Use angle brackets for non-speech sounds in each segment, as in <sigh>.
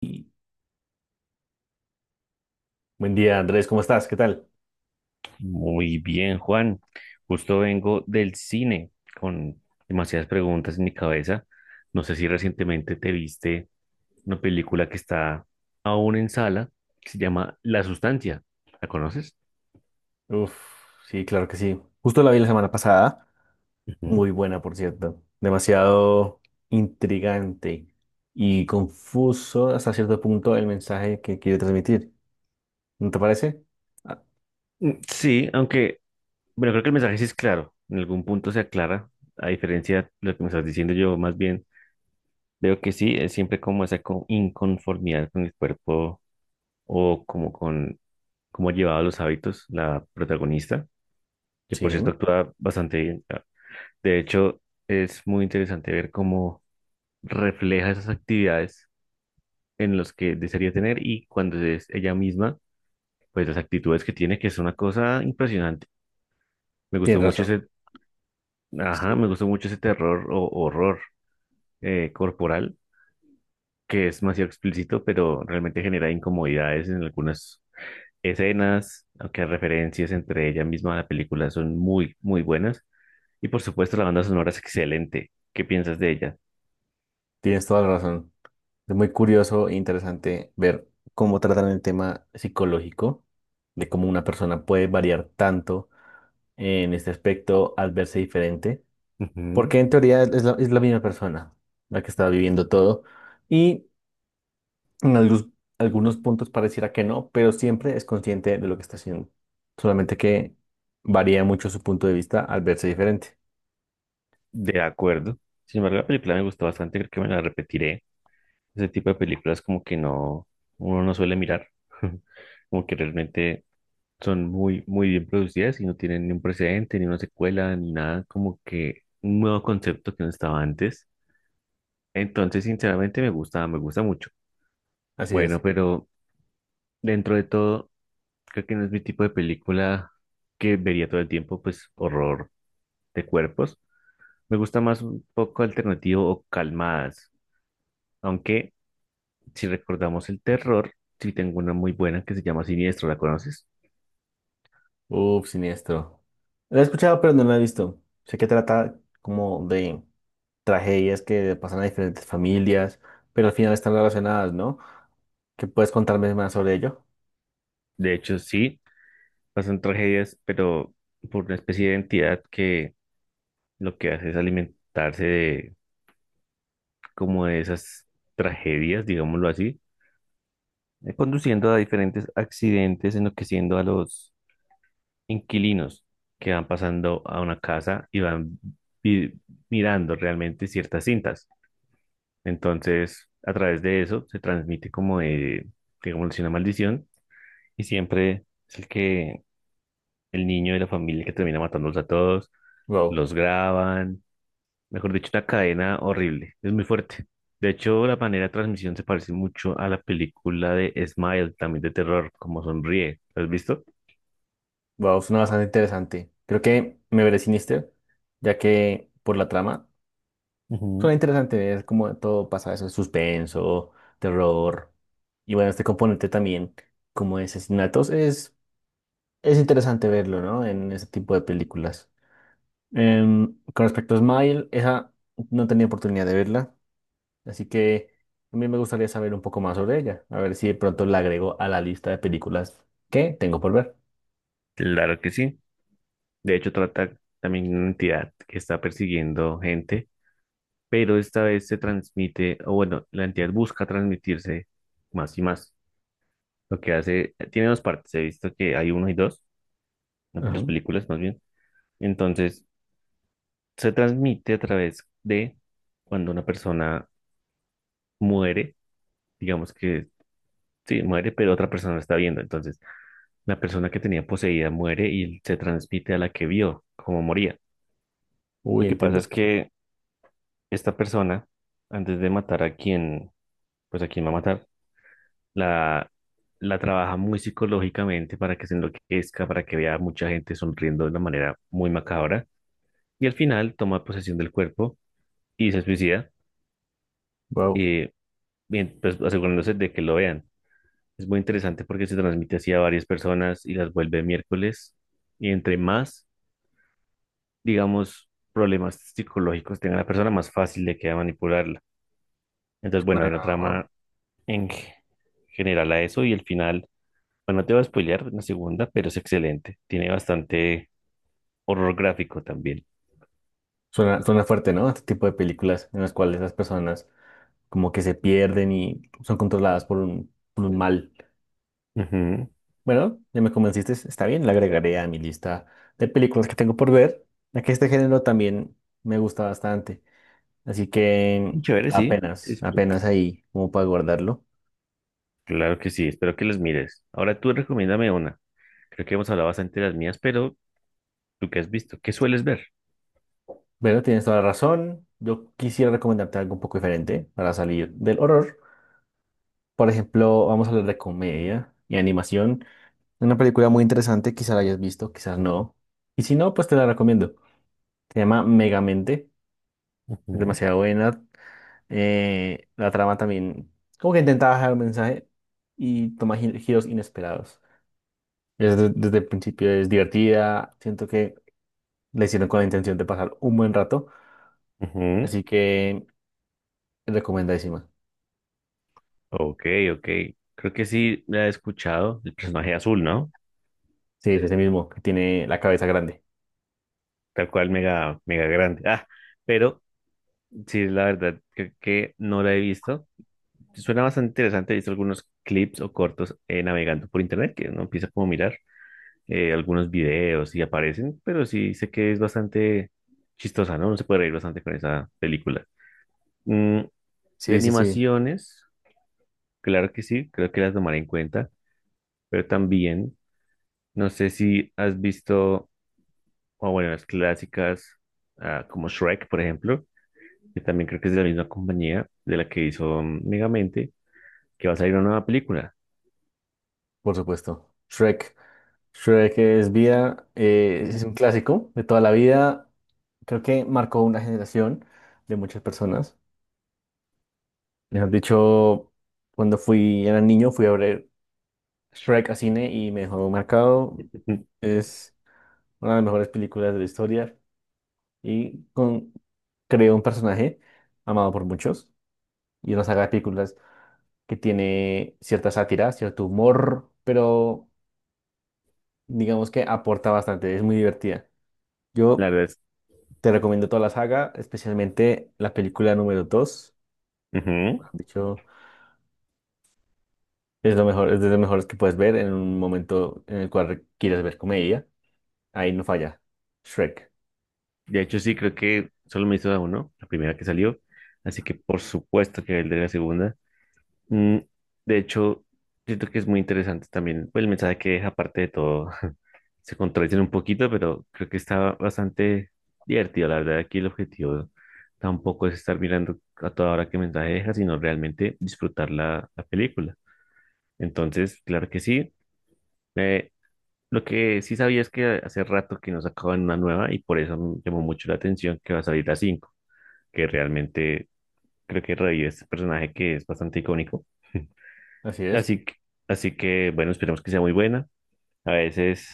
Y buen día, Andrés, ¿cómo estás? ¿Qué tal? Muy bien, Juan. Justo vengo del cine con demasiadas preguntas en mi cabeza. No sé si recientemente te viste una película que está aún en sala, que se llama La Sustancia. ¿La conoces? Uf, sí, claro que sí. Justo la vi la semana pasada, Ujú. muy buena, por cierto. Demasiado intrigante y confuso hasta cierto punto el mensaje que quiere transmitir. ¿No te parece? Ah, Mm, sí, aunque, bueno, creo que el mensaje sí es claro. En algún punto se aclara, a diferencia de lo que me estás diciendo yo, más bien veo que sí, es siempre como esa inconformidad con el cuerpo o como con cómo llevaba los hábitos la protagonista, que por cierto sí, actúa bastante bien. Ah, de hecho, es muy interesante ver cómo refleja esas actividades en las que desearía tener y cuando es ella misma, pues las actitudes que tiene, que es una cosa impresionante. Me gustó tienes mucho razón. ese, ajá, Sí, me gustó mucho ese terror o horror corporal, que es demasiado explícito, pero realmente genera incomodidades en algunas escenas, aunque referencias entre ella misma a la película son muy, muy buenas. Y por supuesto, la banda sonora es excelente. ¿Qué piensas de ella? tienes toda la razón. Es muy curioso e interesante ver cómo tratan el tema psicológico, de cómo una persona puede variar tanto en este aspecto al verse diferente. Ujú. Porque en teoría es la misma persona la que estaba viviendo todo. Y en algunos puntos pareciera que no, pero siempre es consciente de lo que está haciendo. Solamente que varía mucho su punto de vista al verse diferente. De acuerdo. Sin embargo, la película me gustó bastante, creo que me la repetiré. Ese tipo de películas como que no, uno no suele mirar, <laughs> como que realmente son muy, muy bien producidas y no tienen ni un precedente, ni una secuela, ni nada, como que un nuevo concepto que no estaba antes. Entonces, sinceramente, me gusta mucho. Así Bueno, es. pero dentro de todo, creo que no es mi tipo de película que vería todo el tiempo, pues horror de cuerpos. Me gusta más un poco alternativo o calmadas, aunque si recordamos el terror, sí tengo una muy buena que se llama Siniestro, ¿la conoces? Uf, siniestro. Lo he escuchado, pero no lo he visto. Sé que trata como de tragedias que pasan a diferentes familias, pero al final están relacionadas, ¿no? ¿Qué puedes contarme más sobre ello? De hecho, sí, pasan tragedias, pero por una especie de entidad que lo que hace es alimentarse de como de esas tragedias, digámoslo así, conduciendo a diferentes accidentes, enloqueciendo a los inquilinos que van pasando a una casa y van vi- mirando realmente ciertas cintas. Entonces, a través de eso se transmite como de, digamos, una maldición y siempre es el que el niño de la familia que termina matándolos a todos, Wow. los graban, mejor dicho, una cadena horrible, es muy fuerte. De hecho, la manera de transmisión se parece mucho a la película de Smile, también de terror, como sonríe. ¿Lo has visto? Wow, suena bastante interesante. Creo que me veré Sinister, ya que por la trama suena Ujú. interesante. Es como todo pasa eso, suspenso, terror. Y bueno, este componente también, como de asesinatos, es interesante verlo, ¿no? En ese tipo de películas. Con respecto a Smile, esa no tenía oportunidad de verla, así que a mí me gustaría saber un poco más sobre ella. A ver si de pronto la agrego a la lista de películas que tengo por ver. Claro que sí. De hecho, trata también de una entidad que está persiguiendo gente, pero esta vez se transmite, o bueno, la entidad busca transmitirse más y más. Lo que hace, tiene dos partes, he visto que hay uno y dos, Ajá. dos películas más bien. Entonces, se transmite a través de cuando una persona muere, digamos que sí, muere, pero otra persona la está viendo. Entonces, la persona que tenía poseída muere y se transmite a la que vio cómo moría. Uy, Lo que pasa es entiendo. que esta persona, antes de matar a quien, pues a quien va a matar, la, la trabaja muy psicológicamente para que se enloquezca, para que vea a mucha gente sonriendo de una manera muy macabra. Y al final toma posesión del cuerpo y se suicida, Wow. eh, bien, pues asegurándose de que lo vean. Es muy interesante porque se transmite así a varias personas y las vuelve miércoles. Y entre más, digamos, problemas psicológicos tenga la persona, más fácil le queda manipularla. Entonces, bueno, hay una trama en g- general a eso y el final, bueno, no te voy a spoilear la segunda, pero es excelente. Tiene bastante horror gráfico también. Suena fuerte, ¿no? Este tipo de películas en las cuales las personas como que se pierden y son controladas por por un mal. Ujú. Bueno, ya me convenciste, está bien, la agregaré a mi lista de películas que tengo por ver, ya que este género también me gusta bastante. Así que Muy chévere, sí, se apenas, apenas disfruta. ahí como para guardarlo. Claro que sí, espero que los mires. Ahora tú recomiéndame una. Creo que hemos hablado bastante de las mías, pero ¿tú qué has visto? ¿Qué sueles ver? Bueno, tienes toda la razón. Yo quisiera recomendarte algo un poco diferente para salir del horror. Por ejemplo, vamos a hablar de comedia y animación. Una película muy interesante, quizás la hayas visto, quizás no. Y si no, pues te la recomiendo. Se llama Megamente, es Ujú, demasiado buena. La trama también, como que intentaba dejar un mensaje y toma giros inesperados. Es desde el principio es divertida, siento que la hicieron con la intención de pasar un buen rato, ujú. así que recomendadísima. Ok, ok. Creo que sí la he escuchado, el personaje azul, ¿no? Sí, es ese mismo, que tiene la cabeza grande. Tal cual, mega, mega grande. Ah, pero sí, la verdad, creo que no la he visto. Suena bastante interesante. He visto algunos clips o cortos navegando por internet que uno empieza como a mirar algunos videos y aparecen, pero sí sé que es bastante chistosa, ¿no? Uno se puede reír bastante con esa película. Mm, de Sí, sí, sí, animaciones, claro que sí, creo que las tomaré en cuenta, pero también no sé si has visto, o bueno, las clásicas como Shrek, por ejemplo, que también creo que es de la misma compañía de la que hizo Megamente, que va a salir una nueva película. por supuesto. Shrek. Shrek es vida, es un <laughs> clásico de toda la vida. Creo que marcó una generación de muchas personas. Mejor dicho, cuando fui, era niño, fui a ver Shrek a cine y me dejó marcado. Es una de las mejores películas de la historia y creó un personaje amado por muchos y una saga de películas que tiene cierta sátira, cierto humor, pero digamos que aporta bastante, es muy divertida. La Yo verdad es. te recomiendo toda la saga, especialmente la película número 2. Ujú. Es lo mejor, es de los mejores que puedes ver en un momento en el cual quieres ver comedia. Ahí no falla. Shrek. De hecho, sí, creo que solo me hizo a uno, la primera que salió. Así que por supuesto que el de la segunda. Mm, de hecho, siento que es muy interesante también pues, el mensaje que deja, aparte de todo. <laughs> Se contradicen un poquito, pero creo que está bastante divertido. La verdad, aquí el objetivo tampoco es estar mirando a toda hora qué mensaje deja, sino realmente disfrutar la película. Entonces, claro que sí. Eh, lo que sí sabía es que hace rato que nos sacaban una nueva y por eso me llamó mucho la atención que va a salir la 5 que realmente creo que revive este personaje que es bastante icónico. <laughs> Así es. Así que, así que, bueno, esperemos que sea muy buena. A veces,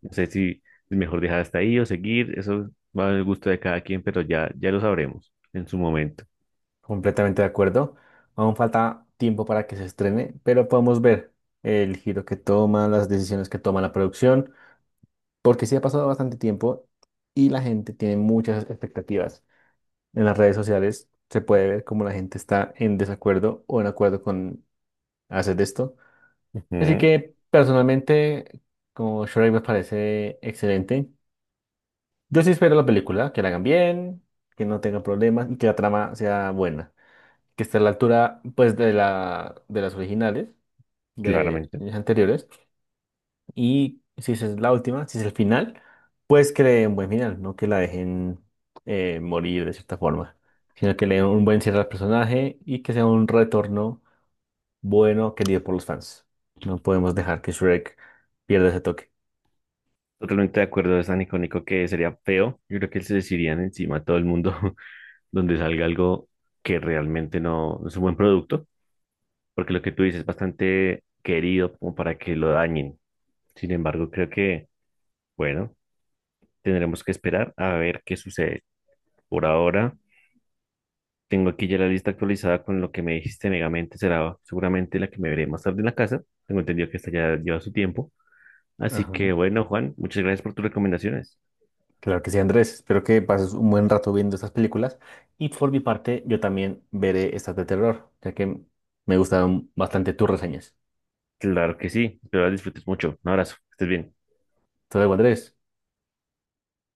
no sé si es mejor dejar hasta ahí o seguir, eso va al gusto de cada quien, pero ya lo sabremos en su momento. Completamente de acuerdo. Aún falta tiempo para que se estrene, pero podemos ver el giro que toma, las decisiones que toma la producción, porque sí ha pasado bastante tiempo y la gente tiene muchas expectativas. En las redes sociales se puede ver cómo la gente está en desacuerdo o en acuerdo con hacer esto. Así Ujú, que personalmente, como Shrek me parece excelente. Yo sí espero la película, que la hagan bien, que no tenga problemas y que la trama sea buena. Que esté a la altura, pues, de de las originales, de claramente. años anteriores. Y si esa es la última, si es el final, pues que le den un buen final, no que la dejen morir de cierta forma, sino que le den un buen cierre al personaje y que sea un retorno bueno querido por los fans. No podemos dejar que Shrek pierda ese toque. Totalmente de acuerdo, es tan icónico que sería feo. Yo creo que se les irían encima a todo el mundo <laughs> donde salga algo que realmente no es un buen producto, porque lo que tú dices es bastante querido como para que lo dañen. Sin embargo, creo que bueno, tendremos que esperar a ver qué sucede. Por ahora, tengo aquí ya la lista actualizada con lo que me dijiste. Megamente será seguramente la que me veré más tarde en la casa. Tengo entendido que esta ya lleva su tiempo. Así Ajá. que bueno, Juan, muchas gracias por tus recomendaciones. Claro que sí, Andrés. Espero que pases un buen rato viendo estas películas. Y por mi parte, yo también veré estas de terror, ya que me gustaron bastante tus reseñas. Claro que sí. Espero las disfrutes mucho. Un abrazo. Que estés bien. Hasta luego, Andrés.